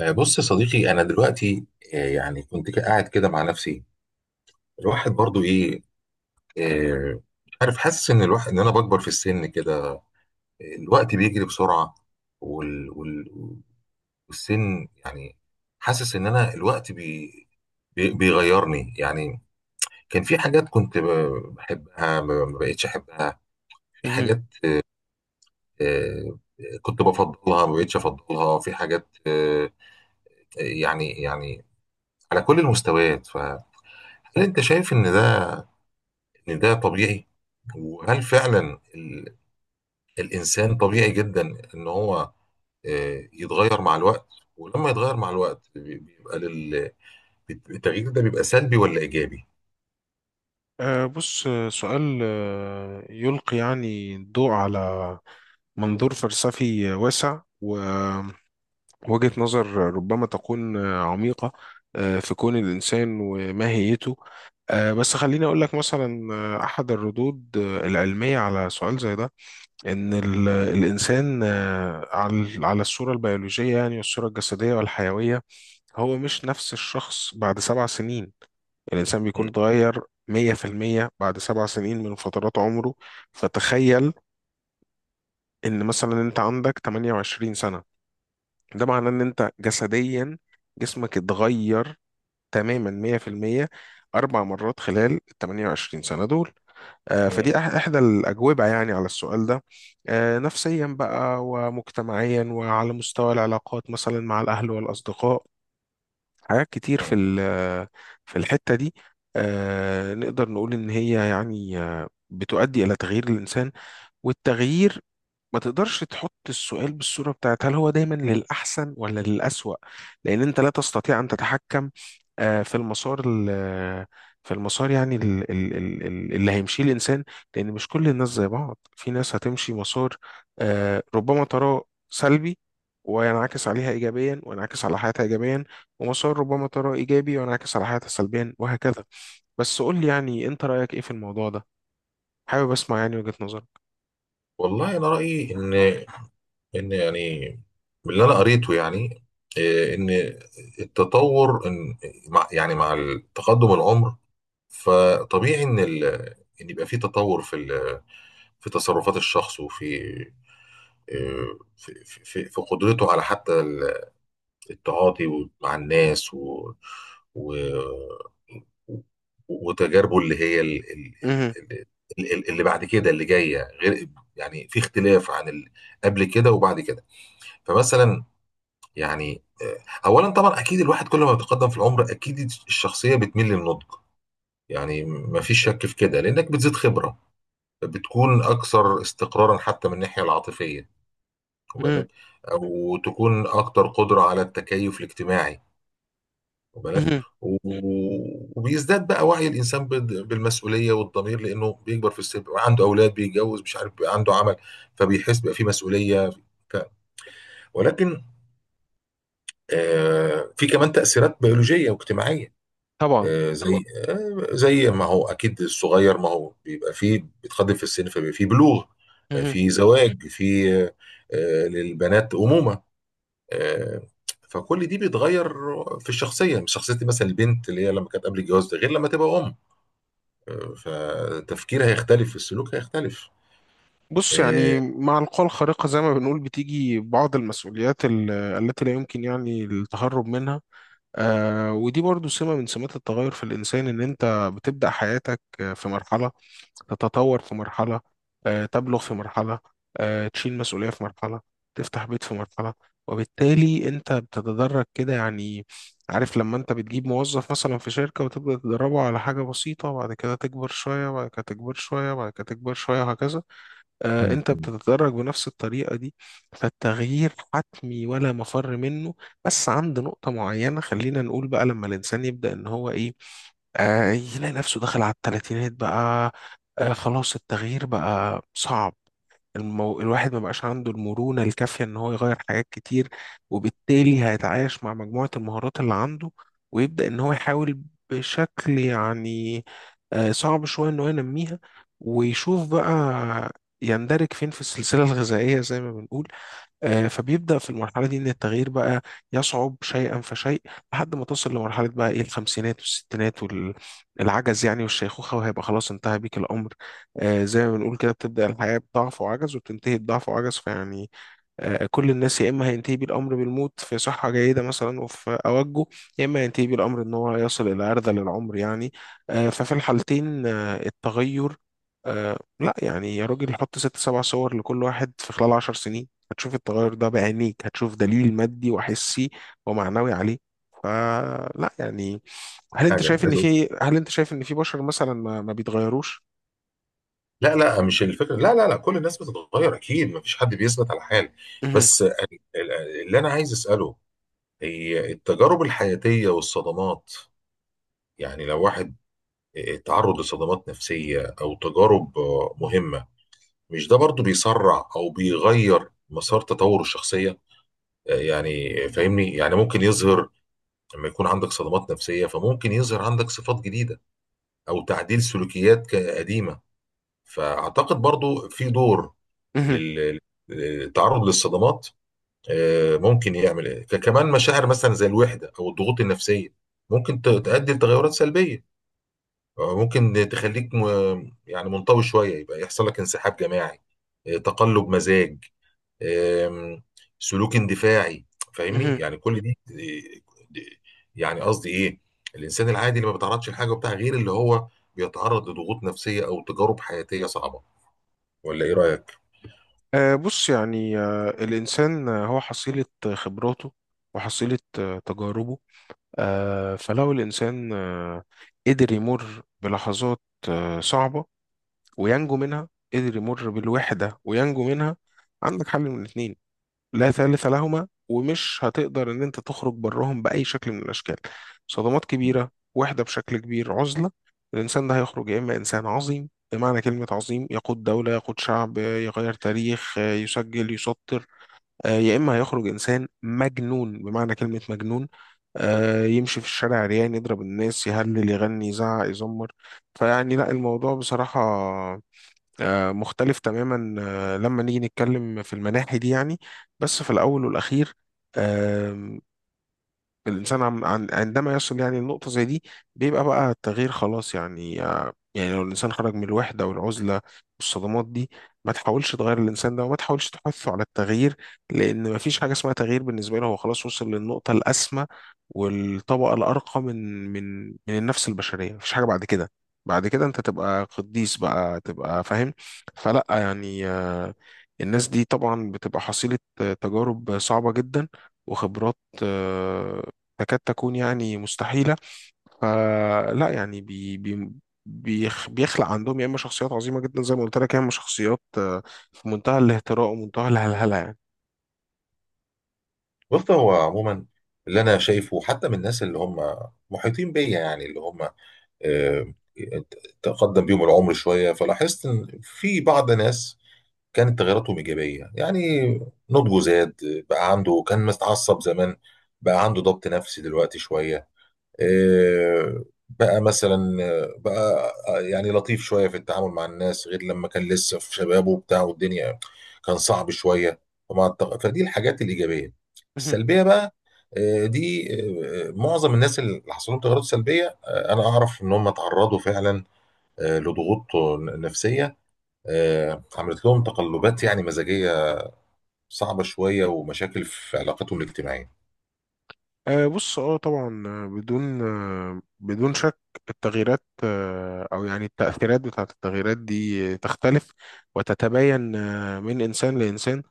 بص يا صديقي، انا دلوقتي يعني كنت قاعد كده مع نفسي. الواحد برضو ايه. آه، مش عارف، حاسس ان انا بكبر في السن كده. الوقت بيجري بسرعه وال... وال... والسن يعني. حاسس ان انا الوقت بيغيرني يعني. كان في حاجات كنت بحبها ما بقتش احبها. في مهم. حاجات آه، كنت بفضلها، ما بقتش افضلها، في حاجات. يعني على كل المستويات. فهل انت شايف ان ده طبيعي؟ وهل فعلا الانسان طبيعي جدا ان هو يتغير مع الوقت؟ ولما يتغير مع الوقت بيبقى التغيير ده بيبقى سلبي ولا ايجابي؟ بص، سؤال يلقي يعني الضوء على منظور فلسفي واسع ووجهة نظر ربما تكون عميقة في كون الإنسان وماهيته. بس خليني أقول لك مثلا أحد الردود العلمية على سؤال زي ده، إن الإنسان، على الصورة البيولوجية يعني والصورة الجسدية والحيوية، هو مش نفس الشخص بعد 7 سنين مم. بيكون اتغير 100% بعد 7 سنين فترات عمره. فتخيل إن مثلا أنت عندك 28 سنة، ده معناه إن أنت جسديا جسمك اتغير تماما 100% أربع مرات خلال ال 28 سنة دول. مم. إحدى الأجوبة يعني على السؤال ده. نفسيا بقى ومجتمعيا وعلى مستوى العلاقات مثلا مع الأهل والأصدقاء، حاجات كتير في مم. في الحتة دي نقدر نقول إن هي يعني بتؤدي إلى تغيير الإنسان. والتغيير، ما تقدرش تحط السؤال بالصورة بتاعت هل هو دايما للأحسن ولا للأسوأ، لأن أنت لا تستطيع أن تتحكم في في المسار يعني اللي هيمشيه الإنسان. لأن مش كل الناس زي بعض، في ناس هتمشي مسار ربما تراه سلبي وينعكس عليها إيجابيا وينعكس على حياتها إيجابيا، ومسار ربما تراه إيجابي وينعكس على حياتها سلبيا، وهكذا. بس قول لي يعني أنت رأيك إيه في الموضوع ده، حابب أسمع يعني وجهة نظرك. والله انا رايي ان يعني من اللي انا قريته يعني، ان التطور، ان مع تقدم العمر، فطبيعي ان يبقى في تطور في تصرفات الشخص، وفي في قدرته على حتى التعاطي مع الناس، و و وتجاربه اللي هي اللي بعد كده، اللي جايه غير. يعني في اختلاف قبل كده وبعد كده. فمثلا، يعني آه، اولا طبعا اكيد الواحد كل ما بيتقدم في العمر، اكيد الشخصيه بتميل للنضج. يعني ما فيش شك في كده، لانك بتزيد خبره، بتكون اكثر استقرارا حتى من الناحيه العاطفيه. مهم. وبالك وتكون اكتر قدره على التكيف الاجتماعي. وبالك مهم. وبيزداد بقى وعي الانسان بالمسؤوليه والضمير، لانه بيكبر في السن، بيبقى عنده اولاد، بيتجوز، مش عارف، بيبقى عنده عمل. فبيحس بقى في مسؤوليه. ف- ولكن في كمان تاثيرات بيولوجيه واجتماعيه. طبعا. طبعا آه، زي ما هو اكيد الصغير، ما هو بيبقى فيه بيتقدم في السن فبيبقى فيه بلوغ. مهم. في زواج، في آه، آه، للبنات امومه. آه، فكل دي بيتغير في الشخصيه. مش شخصيه مثلا البنت اللي هي لما كانت قبل الجواز، ده غير لما تبقى ام. فتفكيرها هيختلف، السلوك هيختلف. بص، آه، يعني مع القوى الخارقة زي ما بنقول بتيجي بعض المسؤوليات التي لا يمكن يعني التهرب منها. آه، ودي برضو سمة من سمات التغير في الإنسان، إن أنت بتبدأ حياتك في مرحلة، تتطور في مرحلة، تبلغ في مرحلة، تشيل مسؤولية في مرحلة، تفتح بيت في مرحلة، وبالتالي أنت بتتدرج كده يعني. عارف لما أنت بتجيب موظف مثلا في شركة وتبدأ تدربه على حاجة بسيطة وبعد كده تكبر شوية وبعد كده تكبر شوية وبعد كده تكبر شوية وهكذا، انت مم. بتتدرج بنفس الطريقة دي. فالتغيير حتمي ولا مفر منه. بس عند نقطة معينة خلينا نقول بقى لما الانسان يبدأ ان هو ايه، آه، يلاقي نفسه دخل على الثلاثينات بقى. آه، خلاص التغيير بقى صعب. الواحد ما بقاش عنده المرونة الكافية ان هو يغير حاجات كتير، وبالتالي هيتعايش مع مجموعة المهارات اللي عنده، ويبدأ ان هو يحاول بشكل يعني صعب شوية ان هو ينميها، ويشوف بقى يندرج فين في السلسلة الغذائية زي ما بنقول. فبيبدأ في المرحلة دي إن التغيير بقى يصعب شيئا فشيء، لحد ما تصل لمرحلة بقى إيه الخمسينات والستينات والعجز يعني والشيخوخة، وهيبقى خلاص انتهى بيك الأمر. زي ما بنقول كده، بتبدأ الحياة بضعف وعجز وبتنتهي بضعف وعجز. فيعني كل الناس، يا اما هينتهي بيه الامر بالموت في صحه جيده مثلا وفي اوجه، يا اما هينتهي بيه الامر ان هو يصل الى ارذل العمر يعني. ففي الحالتين التغير لا يعني، يا راجل حط ست سبع صور لكل واحد في خلال 10 سنين هتشوف التغير ده بعينيك، هتشوف دليل مادي وحسي ومعنوي عليه. فلا يعني، حاجه عايز اقول. هل انت شايف ان في بشر مثلا ما بيتغيروش؟ لا، لا، مش الفكره. لا، لا، لا، كل الناس بتتغير اكيد، ما فيش حد بيثبت على حال. مهم. بس ال- اللي انا عايز اساله هي التجارب الحياتيه والصدمات. يعني لو واحد اتعرض لصدمات نفسيه او تجارب مهمه، مش ده برضو بيسرع او بيغير مسار تطور الشخصيه؟ يعني فاهمني، يعني ممكن يظهر. لما يكون عندك صدمات نفسية، فممكن يظهر عندك صفات جديدة، أو تعديل سلوكيات قديمة. فأعتقد برضو في دور لل- للتعرض للصدمات. ممكن يعمل إيه. كمان مشاعر مثلا زي الوحدة أو الضغوط النفسية، ممكن تؤدي لتغيرات سلبية. ممكن تخليك يعني منطوي شوية، يبقى يحصل لك انسحاب جماعي، تقلب مزاج، آم، سلوك اندفاعي. فاهمني؟ مهم. يعني كل دي دي- يعني قصدي ايه، الانسان العادي اللي ما بيتعرضش لحاجه وبتاع، غير اللي هو بيتعرض لضغوط نفسيه او تجارب حياتيه صعبه. ولا ايه رايك؟ بص يعني، الإنسان هو حصيلة خبراته وحصيلة تجاربه. فلو الإنسان قدر يمر بلحظات صعبة وينجو منها، قدر يمر بالوحدة وينجو منها، عندك حل من الاتنين لا ثالث لهما، ومش هتقدر ان انت تخرج براهم باي شكل من الاشكال. صدمات مم. كبيره، وحده بشكل كبير، عزله. الانسان ده هيخرج يا اما انسان عظيم بمعنى كلمه عظيم، يقود دوله، يقود شعب، يغير تاريخ، يسجل، يسطر، يا اما هيخرج انسان مجنون بمعنى كلمه مجنون، يمشي في الشارع عريان، يضرب الناس، يهلل، يغني، يزعق، يزمر. فيعني لا، الموضوع بصراحه مختلف تماما لما نيجي نتكلم في المناحي دي يعني. بس في الأول والأخير، الإنسان عندما يصل يعني لنقطة زي دي، بيبقى بقى التغيير خلاص يعني. يعني لو الإنسان خرج من الوحدة والعزلة والصدمات دي، ما تحاولش تغير الإنسان ده وما تحاولش تحثه على التغيير، لأن ما فيش حاجة اسمها تغيير بالنسبة له. هو خلاص وصل للنقطة الأسمى والطبقة الأرقى من النفس البشرية. مفيش حاجة بعد كده. بعد كده أنت تبقى قديس بقى، تبقى فاهم. فلأ يعني، الناس دي طبعا بتبقى حصيلة تجارب صعبة جدا وخبرات آه، تكاد تكون يعني مستحيلة. فلا يعني، بيخلق عندهم يا إما شخصيات عظيمة جدا زي ما قلت لك، يا إما شخصيات في منتهى الاهتراء ومنتهى الهلهلة. بص، هو عموما اللي انا شايفه حتى من الناس اللي هم محيطين بيا، يعني اللي هم آه، تقدم بيهم العمر شويه، فلاحظت ان في بعض ناس كانت تغيراتهم ايجابيه. يعني نضجه زاد، بقى عنده، كان متعصب زمان، بقى عنده ضبط نفسي دلوقتي شويه. إيه، بقى مثلا بقى يعني لطيف شويه في التعامل مع الناس، غير لما كان لسه في شبابه وبتاع والدنيا كان صعب شويه. فدي الحاجات الايجابيه. يعني السلبيه بقى، إيه، دي، إيه، معظم الناس اللي حصل لهم تغيرات سلبيه، انا اعرف ان هم تعرضوا فعلا لضغوط نفسيه عملت لهم تقلبات يعني مزاجية صعبة شوية، ومشاكل في علاقتهم الاجتماعية. بص، اه طبعا بدون بدون شك التغييرات او يعني التأثيرات بتاعت التغييرات دي تختلف وتتباين من انسان لانسان.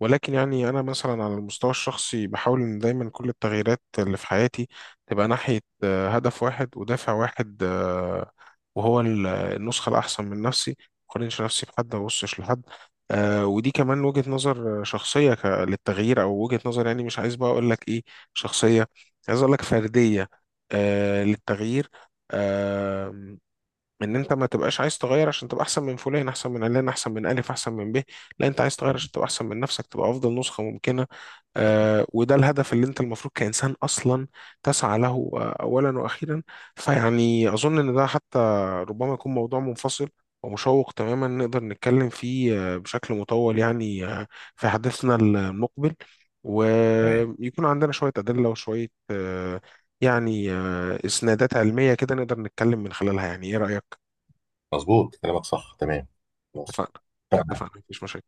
ولكن يعني انا مثلا على المستوى الشخصي بحاول ان دايما كل التغييرات اللي في حياتي تبقى ناحية هدف واحد ودافع واحد وهو النسخة الاحسن من نفسي. ما اقارنش نفسي بحد، ما ابصش لحد. ودي كمان وجهة نظر شخصية للتغيير، او وجهة نظر يعني مش عايز بقى اقول لك ايه شخصية، عايز اقول لك فرديه، آه، للتغيير. آه، ان انت ما تبقاش عايز تغير عشان تبقى احسن من فلان، احسن من علان، احسن من الف، احسن من ب، لا انت عايز تغير عشان تبقى احسن من نفسك، تبقى افضل نسخه ممكنه. وده الهدف اللي انت المفروض كإنسان أصلا تسعى له أولا وأخيرا. فيعني أظن إن ده حتى ربما يكون موضوع منفصل ومشوق تماما، نقدر نتكلم فيه بشكل مطول يعني، في حديثنا المقبل، تمام، ويكون عندنا شوية أدلة وشوية يعني إسنادات علمية كده نقدر نتكلم من خلالها. يعني إيه رأيك؟ مظبوط كلامك، صح، تمام. خلاص. اتفقنا. اتفقنا، مفيش مشاكل.